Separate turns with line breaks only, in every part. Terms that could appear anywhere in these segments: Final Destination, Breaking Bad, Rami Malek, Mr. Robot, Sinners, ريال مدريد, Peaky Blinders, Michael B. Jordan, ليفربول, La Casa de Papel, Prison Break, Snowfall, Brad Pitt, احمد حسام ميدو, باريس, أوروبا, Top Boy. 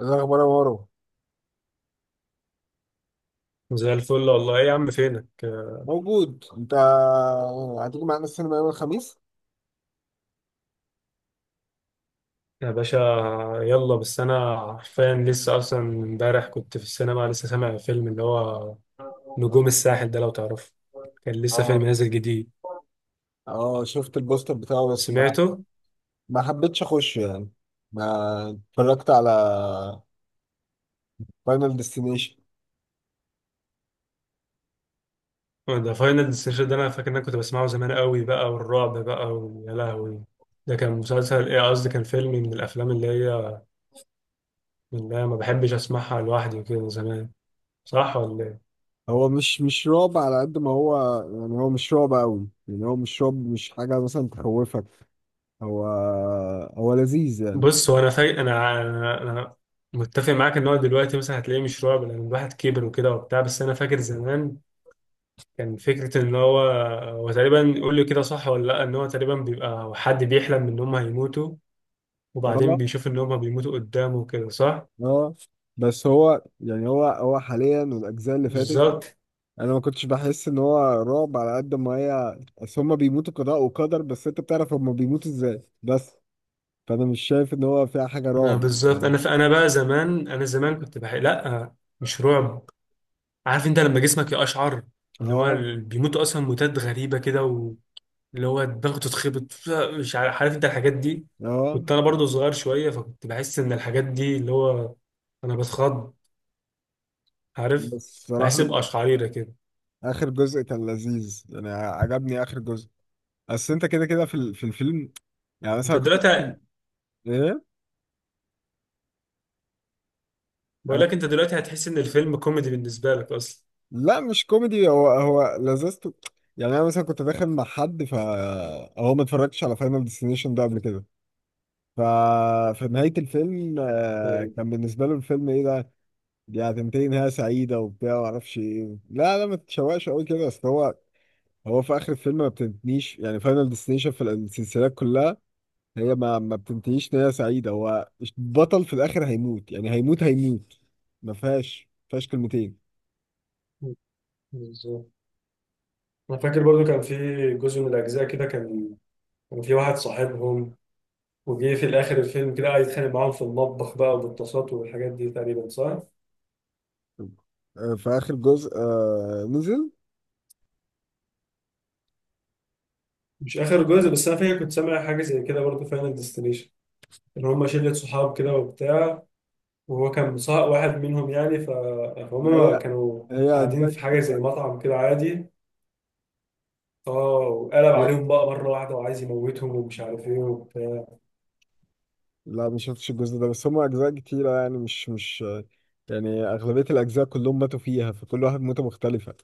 إيه الاخبار يا مارو؟
زي الفل والله. ايه يا عم، فينك؟
موجود انت؟ هتيجي معانا السينما يوم الخميس؟
يا باشا، يلا. بس انا حرفيا لسه، اصلا امبارح كنت في السينما، لسه سامع فيلم اللي هو نجوم الساحل ده، لو تعرفه. كان لسه فيلم
اه،
نازل جديد،
اه، شفت البوستر بتاعه بس ما
سمعته.
ما حبيتش اخش يعني. ما اتفرجت على فاينل ديستنيشن.
أه، ده فاينل ديستنيشن ده، انا فاكر ان انا كنت بسمعه زمان قوي بقى، والرعب بقى، ويا لهوي. ده كان مسلسل، ايه قصدي، كان فيلم من الافلام اللي هي ما بحبش اسمعها لوحدي وكده زمان، صح ولا ايه؟
هو مش رعب على قد ما هو، يعني هو مش رعب قوي، يعني هو مش رعب، مش حاجة مثلا تخوفك. هو هو لذيذ يعني.
بص هو انا فاي انا انا متفق معاك ان هو دلوقتي مثلا هتلاقيه مش رعب، لان الواحد كبر وكده وبتاع، بس انا فاكر زمان كان فكره ان هو تقريبا، يقول لي كده صح ولا لا، ان هو تقريبا بيبقى حد بيحلم ان هم هيموتوا، وبعدين
اه،
بيشوف ان هم بيموتوا قدامه وكده، صح؟
اه، بس هو يعني هو حاليا والاجزاء اللي فاتت.
بالظبط.
انا ما كنتش بحس ان هو رعب على قد ما هي، بس هما بيموتوا قضاء وقدر، بس انت بتعرف هما بيموتوا ازاي بس. فانا مش شايف ان هو فيها حاجه
ما
رعب،
بالظبط
يعني.
انا ف... انا بقى زمان انا زمان كنت بحق، لا مش رعب. عارف انت لما جسمك يقشعر، اللي هو
اه،
بيموتوا اصلا موتات غريبه كده، اللي هو الضغط اتخبط، مش عارف. عارف انت الحاجات دي؟
اه،
كنت انا برضو صغير شويه، فكنت بحس ان الحاجات دي اللي هو، انا بتخض، عارف،
بس صراحه
بحس بقشعريره كده.
اخر جزء كان لذيذ يعني، عجبني اخر جزء. بس انت كده كده في الفيلم، يعني مثلا
انت
كنت.
دلوقتي
ايه؟
بقول
انا
لك انت دلوقتي هتحس ان الفيلم كوميدي بالنسبه لك اصلا.
لا، مش كوميدي، هو لذته يعني. انا مثلا كنت داخل مع حد فهو ما اتفرجتش على فاينل ديستنيشن ده قبل كده. ف... في نهاية الفيلم،
ايوه
كان بالنسبة له الفيلم ايه ده؟ دي هتنتهي نهاية سعيدة وبتاع ومعرفش ايه، لا لا، ما تتشوقش قوي كده اصل هو. هو في آخر الفيلم ما بتنتهيش يعني، فاينل ديستنيشن في السلسلات كلها هي ما بتنتهيش نهاية سعيدة. هو البطل في الآخر هيموت، يعني هيموت هيموت. ما فيهاش كلمتين.
بالظبط. انا فاكر برضو كان في جزء من الاجزاء كده، كان في واحد صاحبهم، وجه في الاخر الفيلم كده قاعد يتخانق معاهم في المطبخ بقى، وبالطاسات والحاجات دي تقريبا، صح؟
في آخر جزء نزل.
مش اخر جزء، بس انا فاكر كنت سامع حاجه زي كده برضو فاينل ديستنيشن، ان هم شله صحاب كده وبتاع، وهو كان مصاحب واحد منهم يعني،
ما
فهم
هي
كانوا
هي
قاعدين
أجزاء
في حاجه
كتير.
زي مطعم كده، عادي. اه، وقلب عليهم بقى مره واحده، وعايز يموتهم ومش عارف ايه وبتاع.
لا، ما شفتش الجزء ده، بس هم اجزاء كتيره يعني مش مش يعني اغلبيه الاجزاء كلهم ماتوا فيها، فكل واحد موته مختلفه،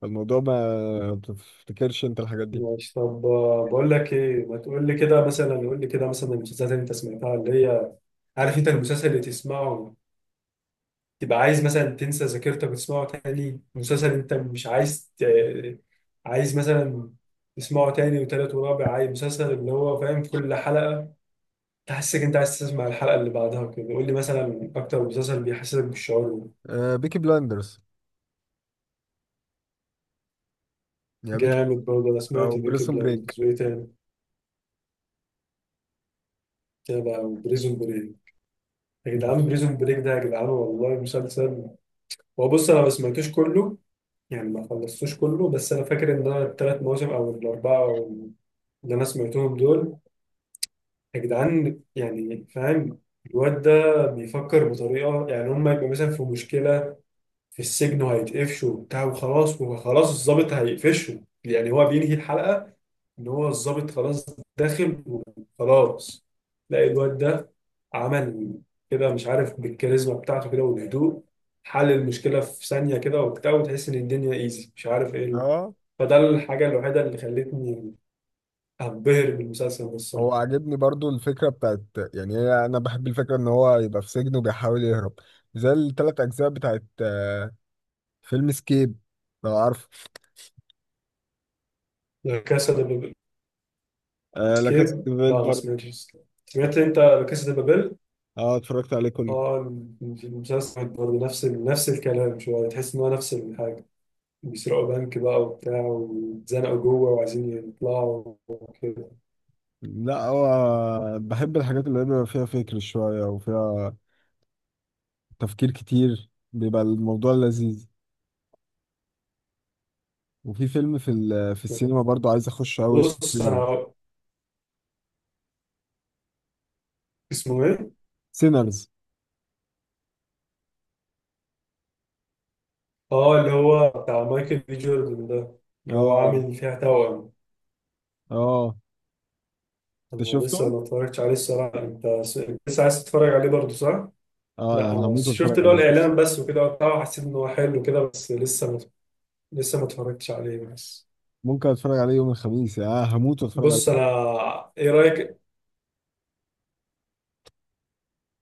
فالموضوع ما بتفتكرش انت الحاجات دي.
ماشي، طب، بقول لك ايه، ما تقول لي كده مثلا، قول لي كده مثلا المسلسلات اللي انت سمعتها اللي هي، عارف انت المسلسل اللي تسمعه تبقى عايز مثلا تنسى ذاكرتك وتسمعه تاني، مسلسل انت مش عايز عايز مثلا تسمعه تاني وتالت ورابع، عايز مسلسل اللي هو فاهم كل حلقه تحسك انت عايز تسمع الحلقة اللي بعدها كده، قول لي مثلا اكتر مسلسل بيحسسك بالشعور ده.
آه، بيكي بلاندرز، يا بيكي،
جامد برضه. انا
او
سمعت بيكي
بريسون بريك.
بلايندرز، وايه تاني كده، وبريزون بريك. يا
انت
جدعان، بريزون بريك ده يا جدعان، والله مسلسل. هو بص انا ما سمعتوش كله، يعني ما خلصتوش كله، بس انا فاكر ان انا 3 مواسم او 4 او اللي انا سمعتهم دول، يا جدعان يعني فاهم. الواد ده بيفكر بطريقة، يعني هم يبقوا مثلا في مشكلة في السجن وهيتقفشوا وبتاع وخلاص الضابط هيقفشه، يعني هو بينهي الحلقة إن هو الضابط خلاص داخل وخلاص. لا الواد ده عمل كده، مش عارف، بالكاريزما بتاعته كده والهدوء حل المشكلة في ثانية كده وبتاع، وتحس إن الدنيا إيزي، مش عارف إيه.
اه.
فده الحاجة الوحيدة اللي خلتني أنبهر بالمسلسل ده الصراحة.
هو عاجبني برضو الفكره بتاعت، يعني هي انا بحب الفكره ان هو يبقى في سجن وبيحاول يهرب، زي الثلاث اجزاء بتاعت فيلم سكيب، لو عارف.
لا كاسا دي بابل.
آه، لا كاسا
سكيب،
دي بيل
لا ما
برضه.
سمعتش سكيب. سمعت أنت لا كاسا دي بابل؟
اه، اتفرجت عليه كله.
اه، المسلسل برضه نفس نفس الكلام، شوية تحس إن هو نفس الحاجة، بيسرقوا بنك بقى وبتاع، واتزنقوا جوه وعايزين يطلعوا وكده.
لا، هو بحب الحاجات اللي بيبقى فيها فكر شوية وفيها تفكير كتير، بيبقى الموضوع لذيذ. وفي فيلم في السينما برضو عايز اخش قوي اسمه
بص
سينرز.
أنا اسمه إيه؟
سينرز.
اه، اللي هو بتاع مايكل بي جوردن ده، اللي هو
اه،
عامل فيها توأم.
اه، انت
أنا لسه
شفته؟
ما اتفرجتش عليه الصراحة، أنت لسه عايز تتفرج عليه برضه، صح؟
اه،
لا،
أنا
أنا
هموت
شفت
واتفرج
اللي هو
عليه.
الإعلان بس وكده وبتاع، وحسيت إن هو حلو كده، بس لسه ما اتفرجتش عليه بس.
ممكن اتفرج عليه يوم الخميس، اه هموت واتفرج عليه.
بص انا ايه رايك؟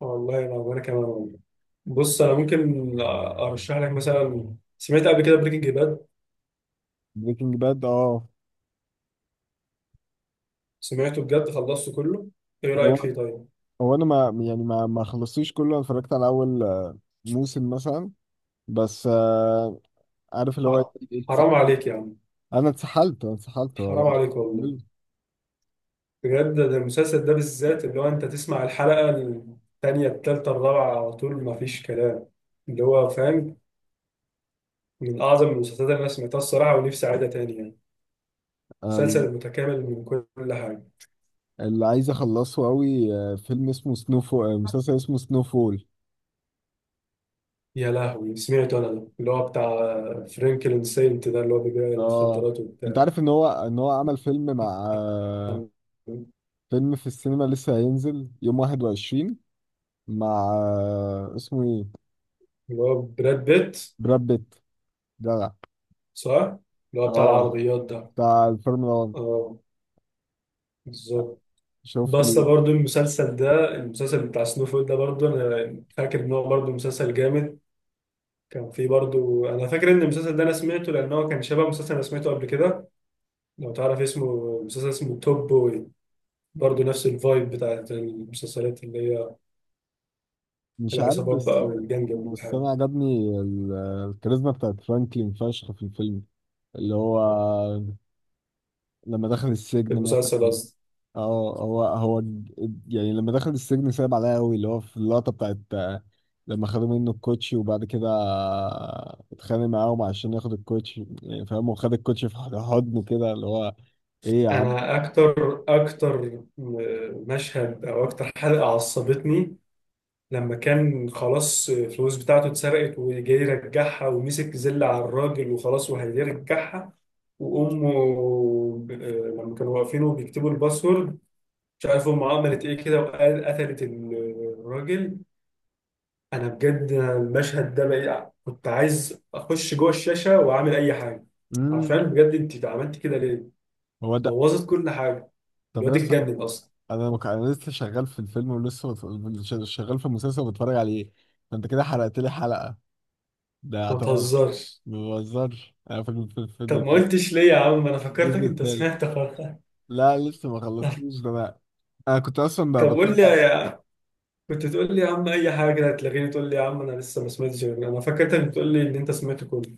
والله انا، وانا كمان والله. بص انا ممكن ارشح لك مثلا، سمعت قبل كده بريكنج باد.
بريكنج باد، اه.
سمعته بجد، خلصته كله. ايه رايك
هو
فيه طيب؟
هو انا ما يعني ما خلصتوش كله. أنا اتفرجت على اول موسم مثلا. بس عارف اللي هو.
ح- حرام عليك يا عم.
انا اتسحلت انا اتسحلت
حرام
والله.
عليك والله. بجد ده المسلسل ده بالذات، اللي هو انت تسمع الحلقه الثانيه الثالثه الرابعه على طول، ما فيش كلام. اللي هو فاهم، من اعظم المسلسلات اللي انا سمعتها الصراحه، ونفسي اعيدها تاني يعني،
أنا
مسلسل متكامل من كل حاجه.
اللي عايز اخلصه قوي فيلم اسمه سنو فول، مسلسل اسمه سنو فول.
يا لهوي، سمعت انا ده، اللي هو بتاع فرانكلين سينت ده، اللي هو بيبيع
اه،
المخدرات
انت
وبتاع.
عارف ان هو عمل فيلم مع،
اللي
فيلم في السينما لسه هينزل يوم 21، مع اسمه ايه.
هو براد بيت،
براد بيت. جدع.
صح؟ اللي هو بتاع
اه،
العربيات ده.
بتاع الفورمولا 1.
اه بالظبط.
شفت
بس
ال...
برضو المسلسل ده، المسلسل بتاع سنوفل ده برضو، انا فاكر ان هو برضو مسلسل جامد. كان فيه برضو، انا فاكر ان المسلسل ده انا سمعته، لان هو كان شبه مسلسل انا سمعته قبل كده، لو تعرف اسمه، مسلسل اسمه توب بوي، برضو نفس الفايب بتاعت المسلسلات اللي هي
مش عارف
العصابات
بس.
بقى والجنج
بس
والحاجة.
انا عجبني الكاريزما بتاعت فرانكلين فشخ في الفيلم، اللي هو لما دخل
في
السجن مثلا.
المسلسل قصدي.
اه، هو يعني لما دخل السجن، صعب عليا قوي اللي هو في اللقطه بتاعت، لما خدوا منه الكوتشي وبعد كده اتخانق معاهم عشان ياخد الكوتشي، يعني فاهم، وخد الكوتشي في حضنه كده اللي هو. ايه يا عم؟
أنا أكتر مشهد أو أكتر حلقة عصبتني، لما كان خلاص الفلوس بتاعته اتسرقت وجاي يرجعها، ومسك زل على الراجل وخلاص وهيرجعها، وأمه، ب- لما كانوا واقفين وبيكتبوا الباسورد، مش عارف أمه عملت إيه كده، وقال قتلت الراجل. انا بجد المشهد ده بقى كنت عايز اخش جوه الشاشه واعمل اي حاجه. عارفين
امم
بجد انت عملت كده ليه؟
هو ده.
بوظت كل حاجه.
طب
الواد
اصلا،
اتجنن اصلا.
انا لسه شغال في الفيلم ولسه شغال في المسلسل وبتفرج عليه، فانت كده حرقت لي حلقه، ده
ما
اعتقد.
تهزرش.
ما بهزرش، انا في
طب ما قلتش ليه يا عم؟ انا
الجزء
فكرتك انت
التالت.
سمعت خلاص.
لا، لسه ما خلصتوش، ده انا انا كنت اصلا
طب قول لي
بتفرج.
يا، كنت تقول لي يا عم اي حاجه، هتلاقيني تقول لي يا عم انا لسه ما سمعتش انا فكرتك بتقول لي ان انت سمعت كله.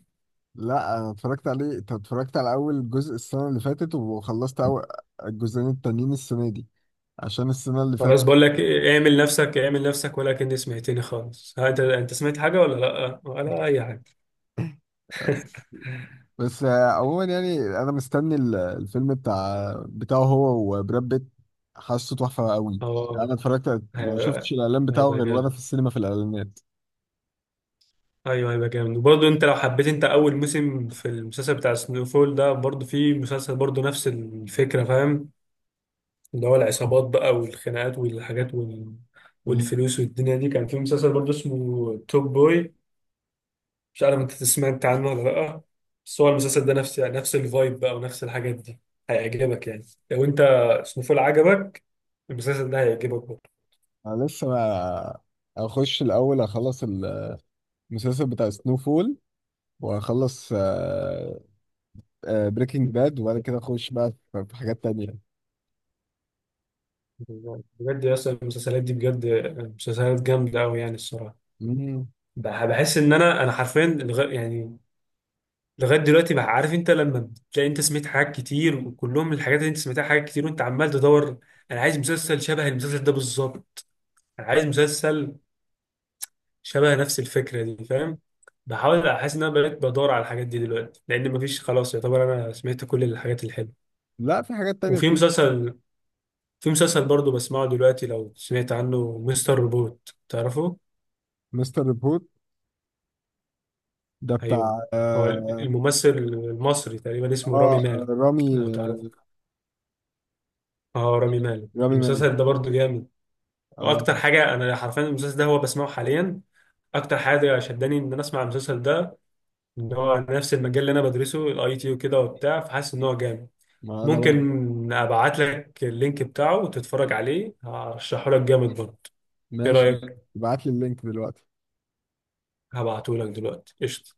لا، انا اتفرجت عليه. انت اتفرجت على اول جزء السنه اللي فاتت وخلصت اول الجزئين التانيين السنه دي، عشان السنه اللي
خلاص
فاتت.
بقول لك إيه، اعمل نفسك، اعمل نفسك، ولكني سمعتني خالص، ها، انت سمعت حاجه ولا لا ولا اي حاجه؟
بس عموما يعني انا مستني الفيلم بتاعه هو وبراد بيت. حاسه تحفه قوي.
اه،
انا اتفرجت ما
هيبقى،
شفتش الاعلان بتاعه
هيبقى
غير وانا في
جامد.
السينما في الاعلانات.
ايوه هيبقى جامد. وبرضه انت لو حبيت، انت اول موسم في المسلسل بتاع سنو فول ده برضه، في مسلسل برضه نفس الفكره، فاهم، اللي هو العصابات بقى والخناقات والحاجات
مم.
والفلوس والدنيا دي، كان في مسلسل برضه اسمه توب بوي، مش عارف انت سمعت عنه ولا لا، بس هو المسلسل ده نفس الفايب بقى، ونفس الحاجات دي، هيعجبك يعني. لو انت سنو فول عجبك، المسلسل ده هيعجبك برضه.
انا لسه ما اخش الاول، اخلص المسلسل بتاع سنو فول، واخلص بريكنج باد، وبعد كده اخش بقى في حاجات تانية.
بجد يا اسطى، المسلسلات دي بجد مسلسلات جامده قوي، يعني الصراحه.
مم.
بحس ان انا حرفيا لغا يعني، لغايه دلوقتي بقى، عارف انت لما بتلاقي انت سمعت حاجات كتير، وكلهم الحاجات اللي انت سمعتها حاجات كتير، وانت عمال تدور، انا عايز مسلسل شبه المسلسل ده بالظبط، انا عايز مسلسل شبه نفس الفكره دي فاهم. بحاول احس ان انا بقيت بدور على الحاجات دي دلوقتي، لان مفيش خلاص، يعتبر انا سمعت كل الحاجات الحلوه.
لا، في حاجات تانية
وفي
بتيجي.
مسلسل في مسلسل برضه بسمعه دلوقتي، لو سمعت عنه، مستر روبوت، تعرفه؟
مستر ريبورت، ده
ايوه،
بتاع.
هو
اه،
الممثل المصري تقريبا اسمه رامي
آه، آه،
مالك، لو
رامي
تعرفه.
آه
اه رامي مالك،
رامي مالك.
المسلسل ده برضو جامد.
اه.
واكتر حاجه انا حرفيا المسلسل ده هو بسمعه حاليا، اكتر حاجه شداني ان انا اسمع المسلسل ده، ان هو نفس المجال اللي انا بدرسه الاي تي وكده وبتاع، فحاسس ان هو جامد.
ما انا برضه.
ممكن ابعت لك اللينك بتاعه وتتفرج عليه، هرشحه لك جامد برضه. ايه
ماشي،
رايك؟
ابعت لي اللينك دلوقتي.
هبعته لك دلوقتي، قشطه.